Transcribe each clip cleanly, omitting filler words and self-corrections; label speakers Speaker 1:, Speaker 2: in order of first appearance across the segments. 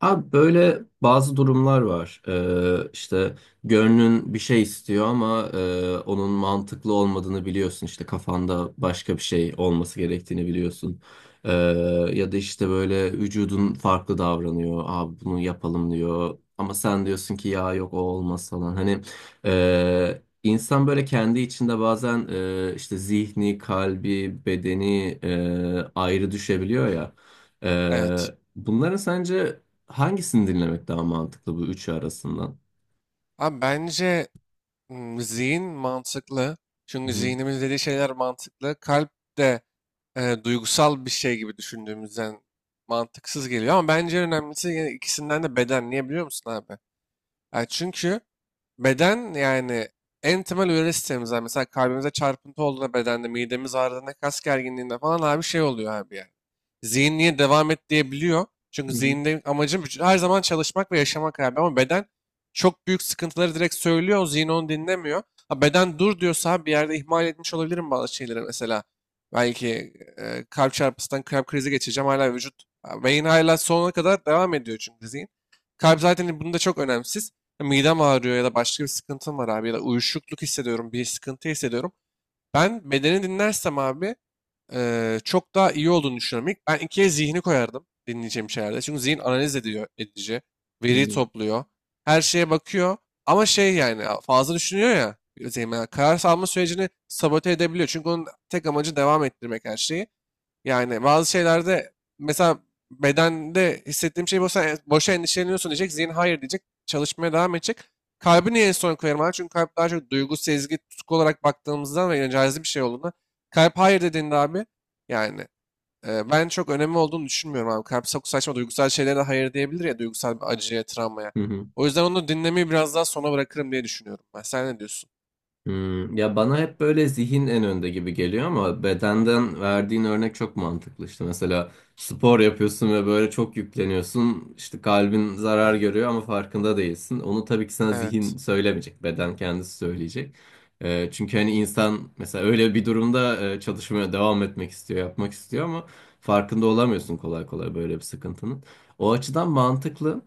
Speaker 1: Abi böyle bazı durumlar var. İşte gönlün bir şey istiyor ama onun mantıklı olmadığını biliyorsun. İşte kafanda başka bir şey olması gerektiğini biliyorsun. Ee, Ya da işte böyle vücudun farklı davranıyor. Abi bunu yapalım diyor. Ama sen diyorsun ki ya yok o olmaz falan. Hani insan böyle kendi içinde bazen işte zihni, kalbi, bedeni ayrı düşebiliyor ya.
Speaker 2: Evet.
Speaker 1: Bunların sence hangisini dinlemek daha mantıklı bu üçü arasından?
Speaker 2: Abi bence zihin mantıklı.
Speaker 1: Hı
Speaker 2: Çünkü
Speaker 1: hı,
Speaker 2: zihnimiz dediği şeyler mantıklı. Kalp de duygusal bir şey gibi düşündüğümüzden mantıksız geliyor. Ama bence en önemlisi yine ikisinden de beden. Niye biliyor musun abi? Yani çünkü beden yani en temel hücre sistemimizden mesela kalbimize çarpıntı olduğunda bedende, midemiz ağrıdığında, kas gerginliğinde falan abi şey oluyor abi yani. Zihin niye devam et diyebiliyor. Çünkü
Speaker 1: hı hı,
Speaker 2: zihinde amacı her zaman çalışmak ve yaşamak abi ama beden çok büyük sıkıntıları direkt söylüyor. Zihin onu dinlemiyor. Ha, beden dur diyorsa abi bir yerde ihmal etmiş olabilirim bazı şeyleri mesela. Belki kalp çarpısından kalp krizi geçeceğim hala vücut. Beyin hala sonuna kadar devam ediyor çünkü zihin. Kalp zaten bunda çok önemsiz. Midem ağrıyor ya da başka bir sıkıntım var abi ya da uyuşukluk hissediyorum, bir sıkıntı hissediyorum. Ben bedeni dinlersem abi çok daha iyi olduğunu düşünüyorum. İlk ben ikiye zihni koyardım dinleyeceğim şeylerde. Çünkü zihin analiz ediyor, edici,
Speaker 1: hı
Speaker 2: veri
Speaker 1: hı,
Speaker 2: topluyor, her şeye bakıyor. Ama şey yani fazla düşünüyor ya, zihin, yani karar alma sürecini sabote edebiliyor. Çünkü onun tek amacı devam ettirmek her şeyi. Yani bazı şeylerde mesela bedende hissettiğim şey boşa, boşa endişeleniyorsun diyecek. Zihin hayır diyecek. Çalışmaya devam edecek. Kalbi niye en son koyarım abi? Çünkü kalp daha çok duygu, sezgi, tutku olarak baktığımızdan ve cazip bir şey olduğunda. Kalp hayır dediğinde abi yani ben çok önemli olduğunu düşünmüyorum abi. Kalp çok saçma duygusal şeylere de hayır diyebilir ya duygusal bir acıya, travmaya.
Speaker 1: hı hı.
Speaker 2: O yüzden onu dinlemeyi biraz daha sona bırakırım diye düşünüyorum ben. Sen ne diyorsun?
Speaker 1: Ya bana hep böyle zihin en önde gibi geliyor ama bedenden verdiğin örnek çok mantıklı. İşte mesela spor yapıyorsun ve böyle çok yükleniyorsun. İşte kalbin zarar görüyor ama farkında değilsin. Onu tabii ki sana zihin
Speaker 2: Evet.
Speaker 1: söylemeyecek. Beden kendisi söyleyecek. Çünkü hani insan mesela öyle bir durumda çalışmaya devam etmek istiyor, yapmak istiyor ama farkında olamıyorsun kolay kolay böyle bir sıkıntının. O açıdan mantıklı.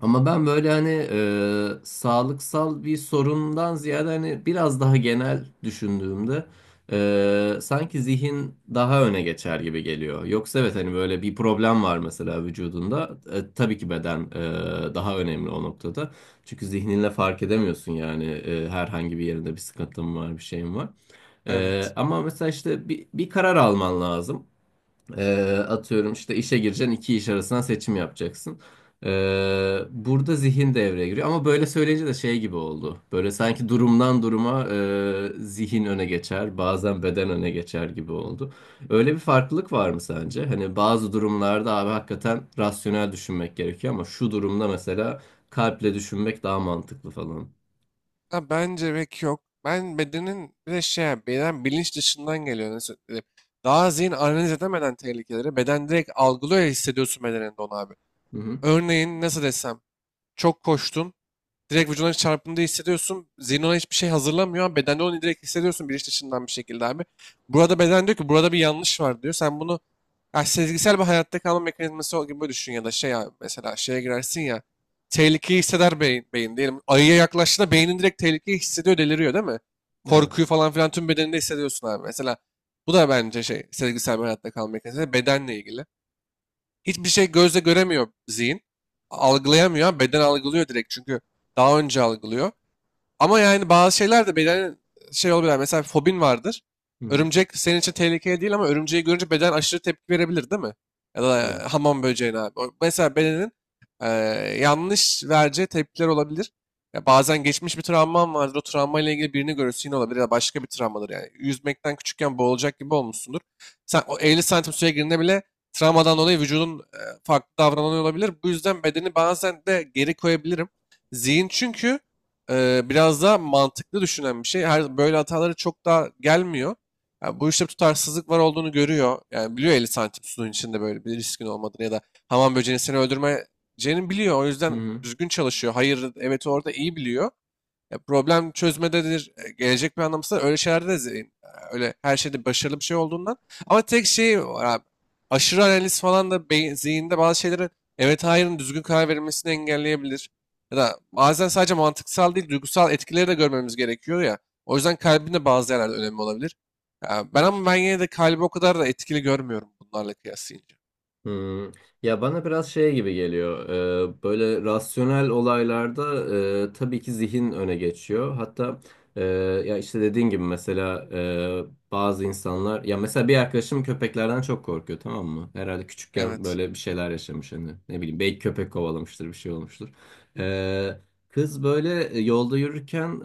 Speaker 1: Ama ben böyle hani sağlıksal bir sorundan ziyade hani biraz daha genel düşündüğümde sanki zihin daha öne geçer gibi geliyor. Yoksa evet hani böyle bir problem var mesela vücudunda. Tabii ki beden daha önemli o noktada. Çünkü zihninle fark edemiyorsun yani herhangi bir yerinde bir sıkıntın var, bir şeyin var.
Speaker 2: Evet.
Speaker 1: Ama mesela işte bir karar alman lazım. Atıyorum işte işe gireceksin iki iş arasından seçim yapacaksın. Burada zihin devreye giriyor ama böyle söyleyince de şey gibi oldu. Böyle sanki durumdan duruma zihin öne geçer bazen beden öne geçer gibi oldu. Öyle bir farklılık var mı sence? Hani bazı durumlarda abi hakikaten rasyonel düşünmek gerekiyor ama şu durumda mesela kalple düşünmek daha mantıklı falan.
Speaker 2: Ha, bence pek yok. Ben bedenin bir de şey yani beden bilinç dışından geliyor nasıl diyeyim. Daha zihin analiz edemeden tehlikeleri beden direkt algılıyor ya hissediyorsun bedeninde onu abi.
Speaker 1: Hı hı.
Speaker 2: Örneğin nasıl desem çok koştun direkt vücuduna çarpındığı hissediyorsun. Zihin ona hiçbir şey hazırlamıyor ama bedende onu direkt hissediyorsun bilinç dışından bir şekilde abi. Burada beden diyor ki burada bir yanlış var diyor. Sen bunu ya sezgisel bir hayatta kalma mekanizması gibi düşün ya da şey ya mesela şeye girersin ya tehlikeyi hisseder beyin, beyin diyelim. Ayıya yaklaştığında beynin direkt tehlikeyi hissediyor deliriyor değil mi?
Speaker 1: Evet.
Speaker 2: Korkuyu falan filan tüm bedeninde hissediyorsun abi. Mesela bu da bence şey sezgisel bir hayatta kalma mekanizması bedenle ilgili. Hiçbir şey gözle göremiyor zihin. Algılayamıyor beden algılıyor direkt çünkü daha önce algılıyor. Ama yani bazı şeyler de beden şey olabilir. Mesela fobin vardır.
Speaker 1: Hı hı.
Speaker 2: Örümcek senin için tehlikeli değil ama örümceği görünce beden aşırı tepki verebilir değil mi? Ya da
Speaker 1: Evet.
Speaker 2: hamam böceğine abi. Mesela bedenin eee, yanlış vereceği tepkiler olabilir. Ya bazen geçmiş bir travman vardır. O travmayla ilgili birini görürsün yine olabilir ya da başka bir travmadır yani. Yüzmekten küçükken boğulacak gibi olmuşsundur. Sen o 50 santim suya girdiğinde bile travmadan dolayı vücudun farklı davranıyor olabilir. Bu yüzden bedeni bazen de geri koyabilirim. Zihin çünkü biraz daha mantıklı düşünen bir şey. Her böyle hataları çok daha gelmiyor. Yani bu işte tutarsızlık var olduğunu görüyor. Yani biliyor 50 santim suyun içinde böyle bir riskin olmadığını ya da hamam böceğini seni öldürmeyeceğini biliyor. O yüzden düzgün çalışıyor. Hayır, evet orada iyi biliyor. Ya problem çözmededir, gelecek planlamasıdır. Öyle şeylerde de öyle her şeyde başarılı bir şey olduğundan. Ama tek şey var abi. Aşırı analiz falan da beyin, zihinde bazı şeylerin evet hayırın düzgün karar verilmesini engelleyebilir. Ya da bazen sadece mantıksal değil duygusal etkileri de görmemiz gerekiyor ya. O yüzden kalbin de bazı yerlerde önemli olabilir. Ya ben ama ben yine de kalbi o kadar da etkili görmüyorum bunlarla kıyaslayınca.
Speaker 1: Hmm. Ya bana biraz şey gibi geliyor. Böyle rasyonel olaylarda tabii ki zihin öne geçiyor. Hatta e, ya işte dediğin gibi mesela bazı insanlar ya mesela bir arkadaşım köpeklerden çok korkuyor tamam mı? Herhalde küçükken
Speaker 2: Evet.
Speaker 1: böyle bir şeyler yaşamış hani ne bileyim belki köpek kovalamıştır bir şey olmuştur. Ee, Kız böyle yolda yürürken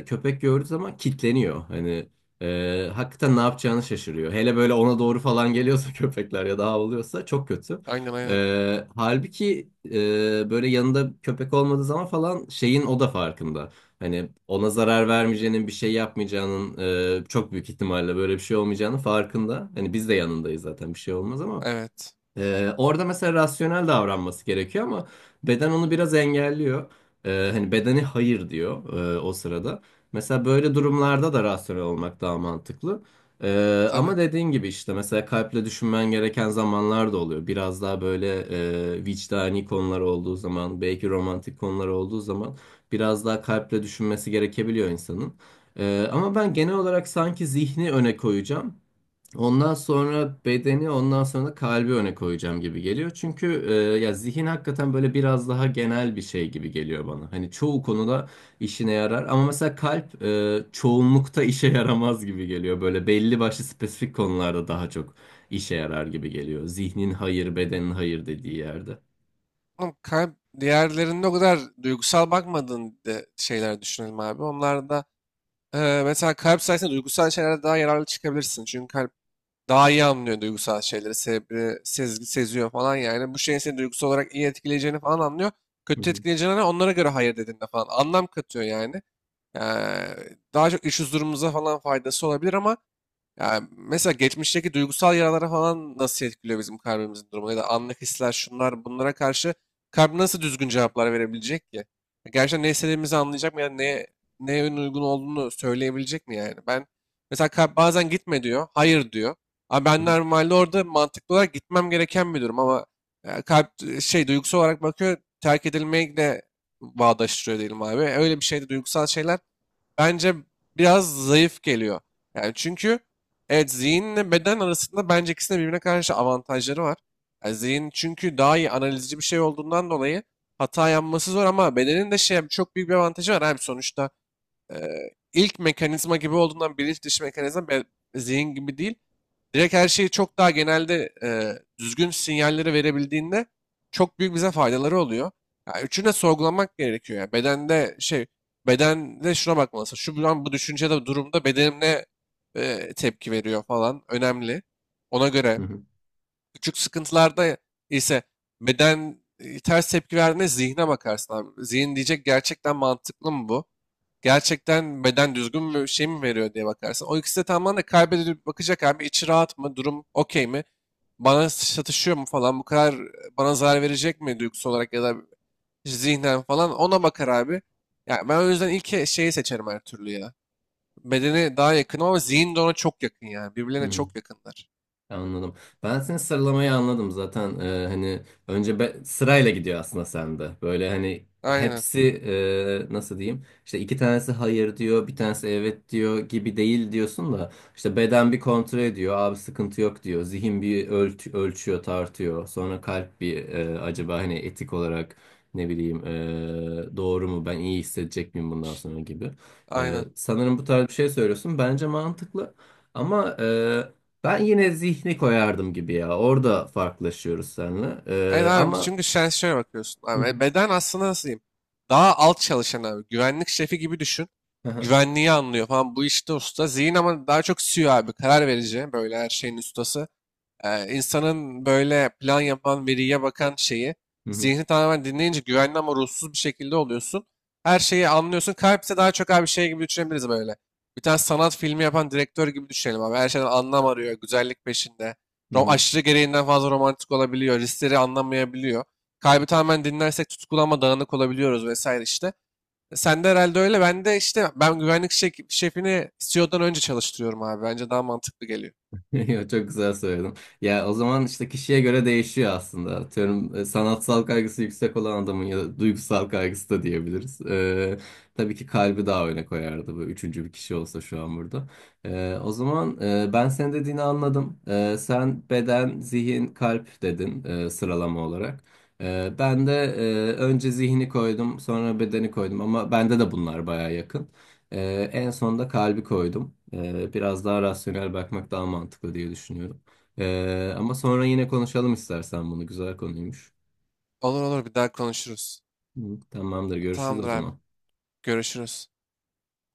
Speaker 1: köpek gördüğü zaman kitleniyor. Hani hakikaten ne yapacağını şaşırıyor. Hele böyle ona doğru falan geliyorsa köpekler ya da havlıyorsa çok kötü.
Speaker 2: Aynen, aynen.
Speaker 1: Halbuki böyle yanında köpek olmadığı zaman falan şeyin o da farkında. Hani ona zarar vermeyeceğinin bir şey yapmayacağının çok büyük ihtimalle böyle bir şey olmayacağının farkında. Hani biz de yanındayız zaten bir şey olmaz ama.
Speaker 2: Evet.
Speaker 1: Orada mesela rasyonel davranması gerekiyor ama beden onu biraz engelliyor. Hani bedeni hayır diyor o sırada. Mesela böyle durumlarda da rasyonel olmak daha mantıklı.
Speaker 2: Tabii.
Speaker 1: Ama dediğin gibi işte mesela kalple düşünmen gereken zamanlar da oluyor. Biraz daha böyle vicdani konular olduğu zaman, belki romantik konular olduğu zaman biraz daha kalple düşünmesi gerekebiliyor insanın. Ama ben genel olarak sanki zihni öne koyacağım. Ondan sonra bedeni, ondan sonra da kalbi öne koyacağım gibi geliyor. Çünkü ya zihin hakikaten böyle biraz daha genel bir şey gibi geliyor bana. Hani çoğu konuda işine yarar ama mesela kalp çoğunlukta işe yaramaz gibi geliyor. Böyle belli başlı spesifik konularda daha çok işe yarar gibi geliyor. Zihnin hayır, bedenin hayır dediği yerde.
Speaker 2: Oğlum, kalp, diğerlerinde o kadar duygusal bakmadığın de şeyler düşünelim abi. Onlarda mesela kalp sayesinde duygusal şeylere daha yararlı çıkabilirsin. Çünkü kalp daha iyi anlıyor duygusal şeyleri, sebebi, sezgi, seziyor falan yani. Bu şeyin seni duygusal olarak iyi etkileyeceğini falan anlıyor.
Speaker 1: Hı
Speaker 2: Kötü
Speaker 1: hı.
Speaker 2: etkileyeceğini onlara göre hayır dediğinde falan anlam katıyor yani. Ee, daha çok iş huzurumuza falan faydası olabilir ama yani mesela geçmişteki duygusal yaralara falan nasıl etkiliyor bizim kalbimizin durumu ya da anlık hisler şunlar bunlara karşı kalp nasıl düzgün cevaplar verebilecek ki? Gerçekten ne istediğimizi anlayacak mı ya neye en uygun olduğunu söyleyebilecek mi yani? Ben mesela kalp bazen gitme diyor, hayır diyor. Ama ben normalde orada mantıklı olarak gitmem gereken bir durum ama kalp şey duygusal olarak bakıyor terk edilmeyi de bağdaştırıyor diyelim abi. Öyle bir şeyde duygusal şeyler bence biraz zayıf geliyor. Yani çünkü evet zihinle beden arasında bence ikisinin birbirine karşı avantajları var. Yani zihin çünkü daha iyi analizci bir şey olduğundan dolayı hata yapması zor ama bedenin de şey çok büyük bir avantajı var. Hem sonuçta ilk mekanizma gibi olduğundan bilinç dışı mekanizma zihin gibi değil. Direkt her şeyi çok daha genelde düzgün sinyalleri verebildiğinde çok büyük bize faydaları oluyor. Ya üçünü de sorgulamak gerekiyor ya. Bedende şuna bakmalısın. Şu an bu düşüncede durumda bedenim ne tepki veriyor falan önemli. Ona göre
Speaker 1: Hı hı.
Speaker 2: küçük sıkıntılarda ise beden ters tepki verdiğinde zihne bakarsın abi. Zihin diyecek gerçekten mantıklı mı bu? Gerçekten beden düzgün mü şey mi veriyor diye bakarsın. O ikisi de tamamen de kaybedilip bakacak abi içi rahat mı durum okey mi bana satışıyor mu falan bu kadar bana zarar verecek mi duygusal olarak ya da zihnen falan ona bakar abi. Yani ben o yüzden ilk şeyi seçerim her türlü ya. Bedeni daha yakın ama zihin de ona çok yakın yani.
Speaker 1: Hı
Speaker 2: Birbirlerine
Speaker 1: hı.
Speaker 2: çok yakınlar.
Speaker 1: Anladım. Ben senin sıralamayı anladım zaten. Hani önce sırayla gidiyor aslında sende. Böyle hani
Speaker 2: Aynen,
Speaker 1: hepsi nasıl diyeyim? İşte iki tanesi hayır diyor, bir tanesi evet diyor gibi değil diyorsun da işte beden bir kontrol ediyor. Abi sıkıntı yok diyor. Zihin bir ölçüyor, tartıyor. Sonra kalp bir acaba hani etik olarak ne bileyim doğru mu? Ben iyi hissedecek miyim bundan sonra gibi.
Speaker 2: aynen.
Speaker 1: Sanırım bu tarz bir şey söylüyorsun. Bence mantıklı. Ama ben yine zihni koyardım gibi ya. Orada farklılaşıyoruz seninle.
Speaker 2: Evet abi
Speaker 1: Ama...
Speaker 2: çünkü sen şöyle bakıyorsun
Speaker 1: Hı hı.
Speaker 2: abi. Beden aslında nasıl diyeyim? Daha alt çalışan abi. Güvenlik şefi gibi düşün.
Speaker 1: Hı hı.
Speaker 2: Güvenliği anlıyor falan. Bu işte usta. Zihin ama daha çok CEO abi. Karar verici. Böyle her şeyin ustası. İnsanın böyle plan yapan, veriye bakan şeyi
Speaker 1: Hı hı.
Speaker 2: zihni tamamen dinleyince güvenli ama ruhsuz bir şekilde oluyorsun. Her şeyi anlıyorsun. Kalp ise daha çok abi şey gibi düşünebiliriz böyle. Bir tane sanat filmi yapan direktör gibi düşünelim abi. Her şeyden anlam arıyor, güzellik peşinde.
Speaker 1: Hı hı.
Speaker 2: Aşırı gereğinden fazla romantik olabiliyor, riskleri anlamayabiliyor. Kalbi tamamen dinlersek tutkulu ama dağınık olabiliyoruz vesaire işte. Sen de herhalde öyle. Ben de işte ben güvenlik şefini CEO'dan önce çalıştırıyorum abi. Bence daha mantıklı geliyor.
Speaker 1: Yo, çok güzel söyledin. Ya o zaman işte kişiye göre değişiyor aslında. Atıyorum sanatsal kaygısı yüksek olan adamın ya da duygusal kaygısı da diyebiliriz. Tabii ki kalbi daha öne koyardı bu üçüncü bir kişi olsa şu an burada. O zaman ben senin dediğini anladım. Sen beden, zihin, kalp dedin sıralama olarak. Ben de önce zihni koydum, sonra bedeni koydum ama bende de bunlar baya yakın. En sonunda kalbi koydum. Biraz daha rasyonel bakmak daha mantıklı diye düşünüyorum. Ama sonra yine konuşalım istersen bunu. Güzel konuymuş.
Speaker 2: Olur, olur, bir daha konuşuruz.
Speaker 1: Hı, tamamdır, görüşürüz o
Speaker 2: Tamamdır abi.
Speaker 1: zaman.
Speaker 2: Görüşürüz.